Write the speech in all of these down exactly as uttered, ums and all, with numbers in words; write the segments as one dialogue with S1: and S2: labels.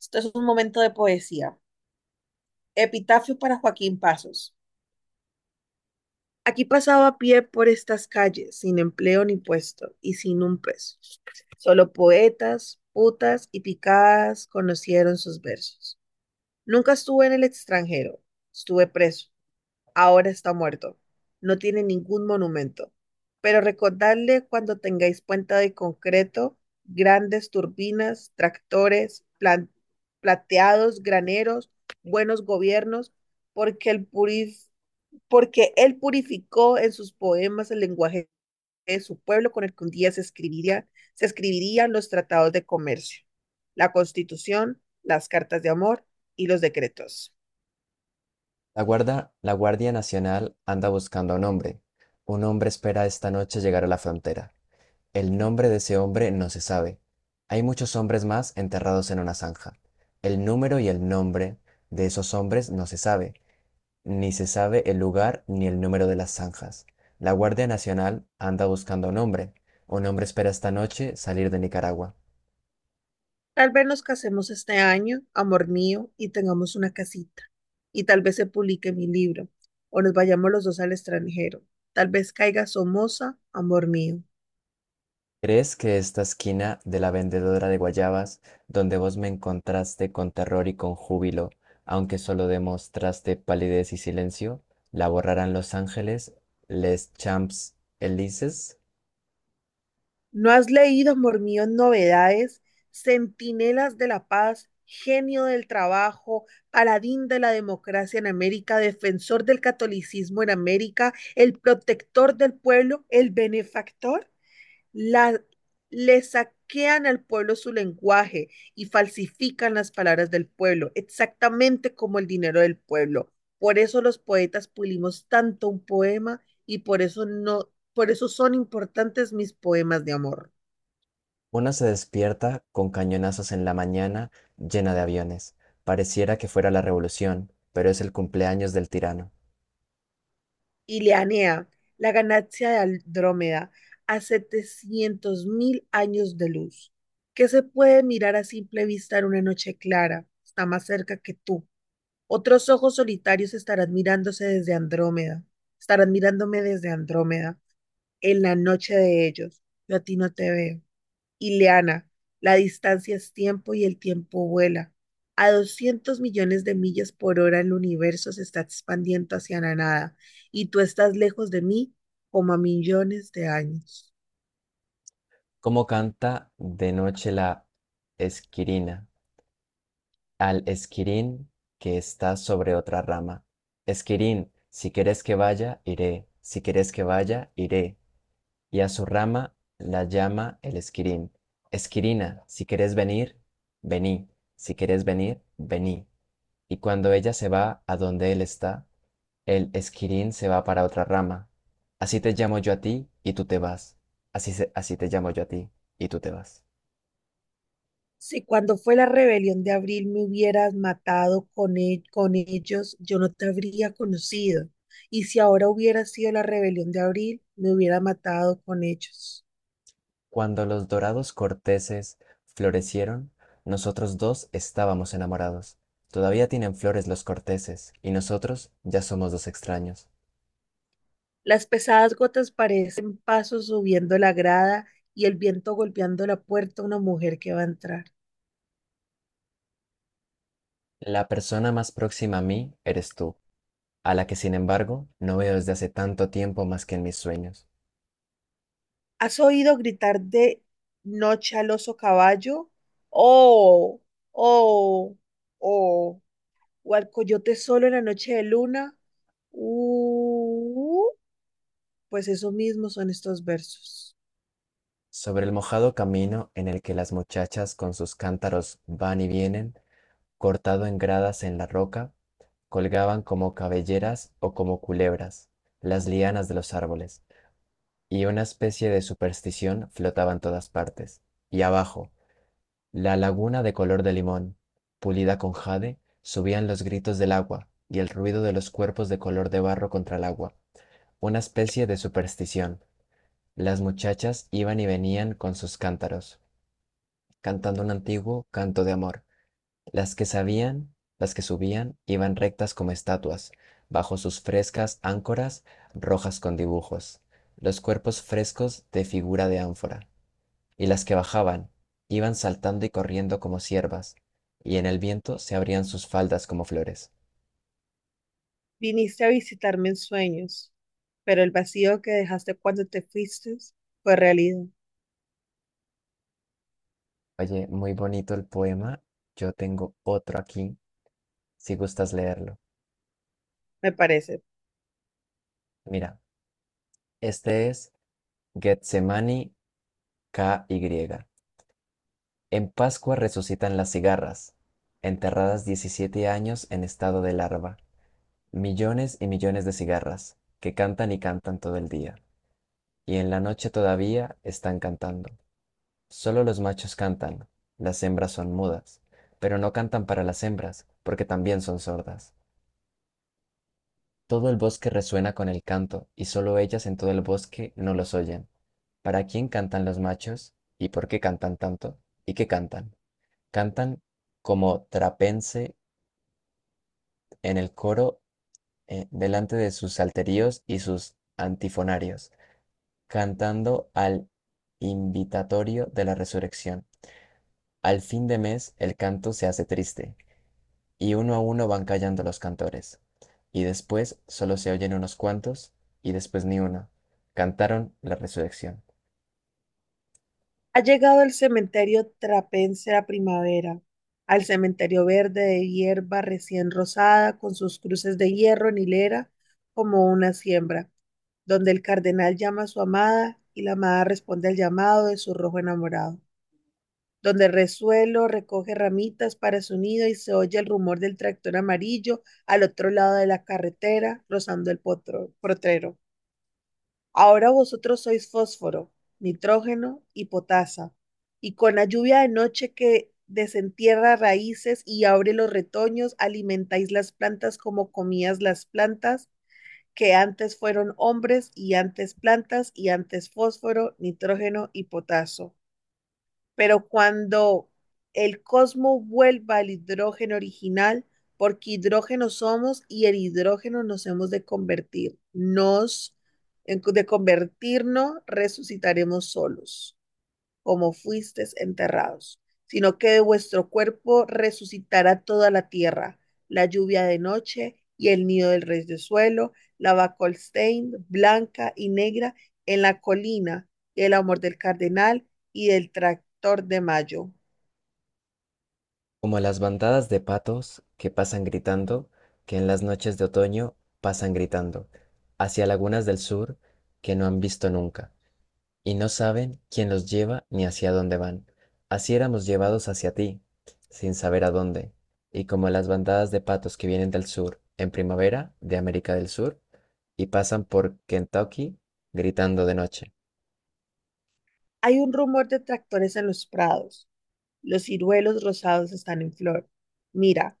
S1: Esto es un momento de poesía. Epitafio para Joaquín Pasos. Aquí pasaba a pie por estas calles, sin empleo ni puesto y sin un peso. Solo poetas, putas y picadas conocieron sus versos. Nunca estuve en el extranjero, estuve preso. Ahora está muerto. No tiene ningún monumento. Pero recordadle cuando tengáis puente de concreto, grandes turbinas, tractores, plan- plateados, graneros, buenos gobiernos, porque el purif- porque él purificó en sus poemas el lenguaje de su pueblo con el que un día se escribiría, se escribirían los tratados de comercio, la constitución, las cartas de amor y los decretos.
S2: La guarda- la Guardia Nacional anda buscando a un hombre. Un hombre espera esta noche llegar a la frontera. El nombre de ese hombre no se sabe. Hay muchos hombres más enterrados en una zanja. El número y el nombre de esos hombres no se sabe. Ni se sabe el lugar ni el número de las zanjas. La Guardia Nacional anda buscando a un hombre. Un hombre espera esta noche salir de Nicaragua.
S1: Tal vez nos casemos este año, amor mío, y tengamos una casita. Y tal vez se publique mi libro, o nos vayamos los dos al extranjero. Tal vez caiga Somoza, amor mío.
S2: ¿Crees que esta esquina de la vendedora de guayabas, donde vos me encontraste con terror y con júbilo, aunque solo demostraste palidez y silencio, la borrarán los ángeles, les champs Elises?
S1: ¿No has leído, amor mío, novedades? Centinelas de la paz, genio del trabajo, paladín de la democracia en América, defensor del catolicismo en América, el protector del pueblo, el benefactor. La, le saquean al pueblo su lenguaje y falsifican las palabras del pueblo, exactamente como el dinero del pueblo. Por eso los poetas pulimos tanto un poema y por eso no, por eso son importantes mis poemas de amor.
S2: Una se despierta con cañonazos en la mañana, llena de aviones. Pareciera que fuera la revolución, pero es el cumpleaños del tirano.
S1: Ileanea, la ganancia de Andrómeda, a setecientos mil años de luz, que se puede mirar a simple vista en una noche clara, está más cerca que tú. Otros ojos solitarios estarán mirándose desde Andrómeda, estarán mirándome desde Andrómeda, en la noche de ellos. Yo a ti no te veo. Ileana, la distancia es tiempo y el tiempo vuela. A doscientos millones de millas por hora el universo se está expandiendo hacia la nada y tú estás lejos de mí como a millones de años.
S2: ¿Cómo canta de noche la esquirina al esquirín que está sobre otra rama? Esquirín, si quieres que vaya, iré, si quieres que vaya, iré. Y a su rama la llama el esquirín. Esquirina, si quieres venir, vení, si quieres venir, vení. Y cuando ella se va a donde él está, el esquirín se va para otra rama. Así te llamo yo a ti y tú te vas. Así, se- así te llamo yo a ti y tú te vas.
S1: Si cuando fue la rebelión de abril me hubieras matado con, e- con ellos, yo no te habría conocido. Y si ahora hubiera sido la rebelión de abril, me hubiera matado con ellos.
S2: Cuando los dorados corteses florecieron, nosotros dos estábamos enamorados. Todavía tienen flores los corteses, y nosotros ya somos dos extraños.
S1: Las pesadas gotas parecen pasos subiendo la grada y el viento golpeando la puerta a una mujer que va a entrar.
S2: La persona más próxima a mí eres tú, a la que sin embargo no veo desde hace tanto tiempo más que en mis sueños.
S1: ¿Has oído gritar de noche al oso caballo? Oh, oh, oh. O al coyote solo en la noche de luna. Uh. Pues eso mismo son estos versos.
S2: Sobre el mojado camino en el que las muchachas con sus cántaros van y vienen, cortado en gradas en la roca, colgaban como cabelleras o como culebras, las lianas de los árboles y una especie de superstición flotaba en todas partes. Y abajo, la laguna de color de limón, pulida con jade, subían los gritos del agua y el ruido de los cuerpos de color de barro contra el agua. Una especie de superstición. Las muchachas iban y venían con sus cántaros, cantando un antiguo canto de amor. Las que sabían, las que subían, iban rectas como estatuas, bajo sus frescas áncoras rojas con dibujos, los cuerpos frescos de figura de ánfora. Y las que bajaban iban saltando y corriendo como ciervas, y en el viento se abrían sus faldas como flores.
S1: Viniste a visitarme en sueños, pero el vacío que dejaste cuando te fuiste fue realidad,
S2: Oye, muy bonito el poema. Yo tengo otro aquí, si gustas leerlo.
S1: me parece.
S2: Mira, este es Getsemani k KY. En Pascua resucitan las cigarras, enterradas diecisiete años en estado de larva, millones y millones de cigarras, que cantan y cantan todo el día, y en la noche todavía están cantando. Solo los machos cantan, las hembras son mudas, pero no cantan para las hembras, porque también son sordas. Todo el bosque resuena con el canto, y solo ellas en todo el bosque no los oyen. ¿Para quién cantan los machos? ¿Y por qué cantan tanto? ¿Y qué cantan? Cantan como trapense en el coro, eh, delante de sus salterios y sus antifonarios, cantando al invitatorio de la resurrección. Al fin de mes el canto se hace triste y uno a uno van callando los cantores. Y después solo se oyen unos cuantos, y después ni uno. Cantaron la resurrección.
S1: Ha llegado al cementerio trapense la primavera, al cementerio verde de hierba recién rosada, con sus cruces de hierro en hilera, como una siembra, donde el cardenal llama a su amada y la amada responde al llamado de su rojo enamorado. Donde el resuelo recoge ramitas para su nido y se oye el rumor del tractor amarillo al otro lado de la carretera, rozando el potro- potrero. Ahora vosotros sois fósforo, nitrógeno y potasa, y con la lluvia de noche que desentierra raíces y abre los retoños, alimentáis las plantas como comías las plantas que antes fueron hombres y antes plantas y antes fósforo, nitrógeno y potaso, pero cuando el cosmos vuelva al hidrógeno original, porque hidrógeno somos y el hidrógeno nos hemos de convertir, nos, de convertirnos, resucitaremos solos como fuisteis enterrados, sino que de vuestro cuerpo resucitará toda la tierra, la lluvia de noche y el nido del rey de suelo, la bacolstein blanca y negra en la colina, el amor del cardenal y del tractor de mayo.
S2: Como las bandadas de patos que pasan gritando, que en las noches de otoño pasan gritando, hacia lagunas del sur que no han visto nunca. Y no saben quién los lleva ni hacia dónde van. Así éramos llevados hacia ti, sin saber a dónde, y como las bandadas de patos que vienen del sur en primavera de América del Sur y pasan por Kentucky gritando de noche.
S1: Hay un rumor de tractores en los prados. Los ciruelos rosados están en flor. Mira,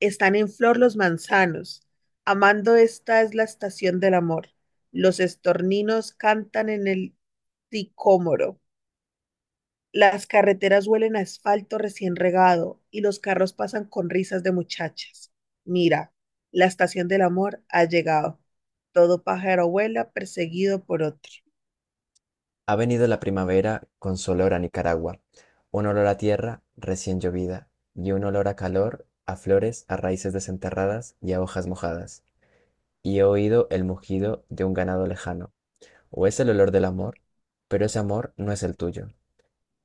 S1: están en flor los manzanos. Amando, esta es la estación del amor. Los estorninos cantan en el sicómoro. Las carreteras huelen a asfalto recién regado y los carros pasan con risas de muchachas. Mira, la estación del amor ha llegado. Todo pájaro vuela perseguido por otro.
S2: Ha venido la primavera con su olor a Nicaragua, un olor a tierra recién llovida y un olor a calor, a flores, a raíces desenterradas y a hojas mojadas. Y he oído el mugido de un ganado lejano o es el olor del amor, pero ese amor no es el tuyo.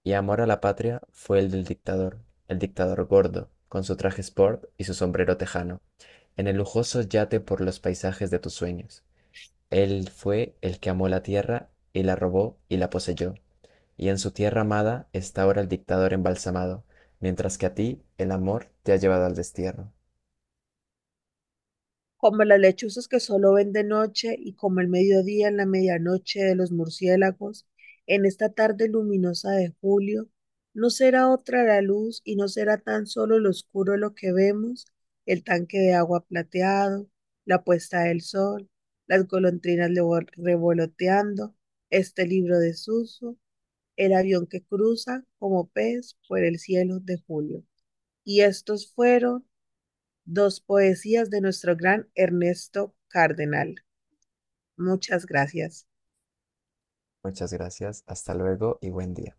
S2: Y amor a la patria fue el del dictador, el dictador gordo, con su traje sport y su sombrero tejano, en el lujoso yate por los paisajes de tus sueños. Él fue el que amó la tierra y la robó y la poseyó. Y en su tierra amada está ahora el dictador embalsamado, mientras que a ti el amor te ha llevado al destierro.
S1: Como las lechuzas que solo ven de noche y como el mediodía en la medianoche de los murciélagos, en esta tarde luminosa de julio, no será otra la luz y no será tan solo lo oscuro lo que vemos, el tanque de agua plateado, la puesta del sol, las golondrinas levo- revoloteando, este libro desuso, el avión que cruza como pez por el cielo de julio. Y estos fueron dos poesías de nuestro gran Ernesto Cardenal. Muchas gracias.
S2: Muchas gracias, hasta luego y buen día.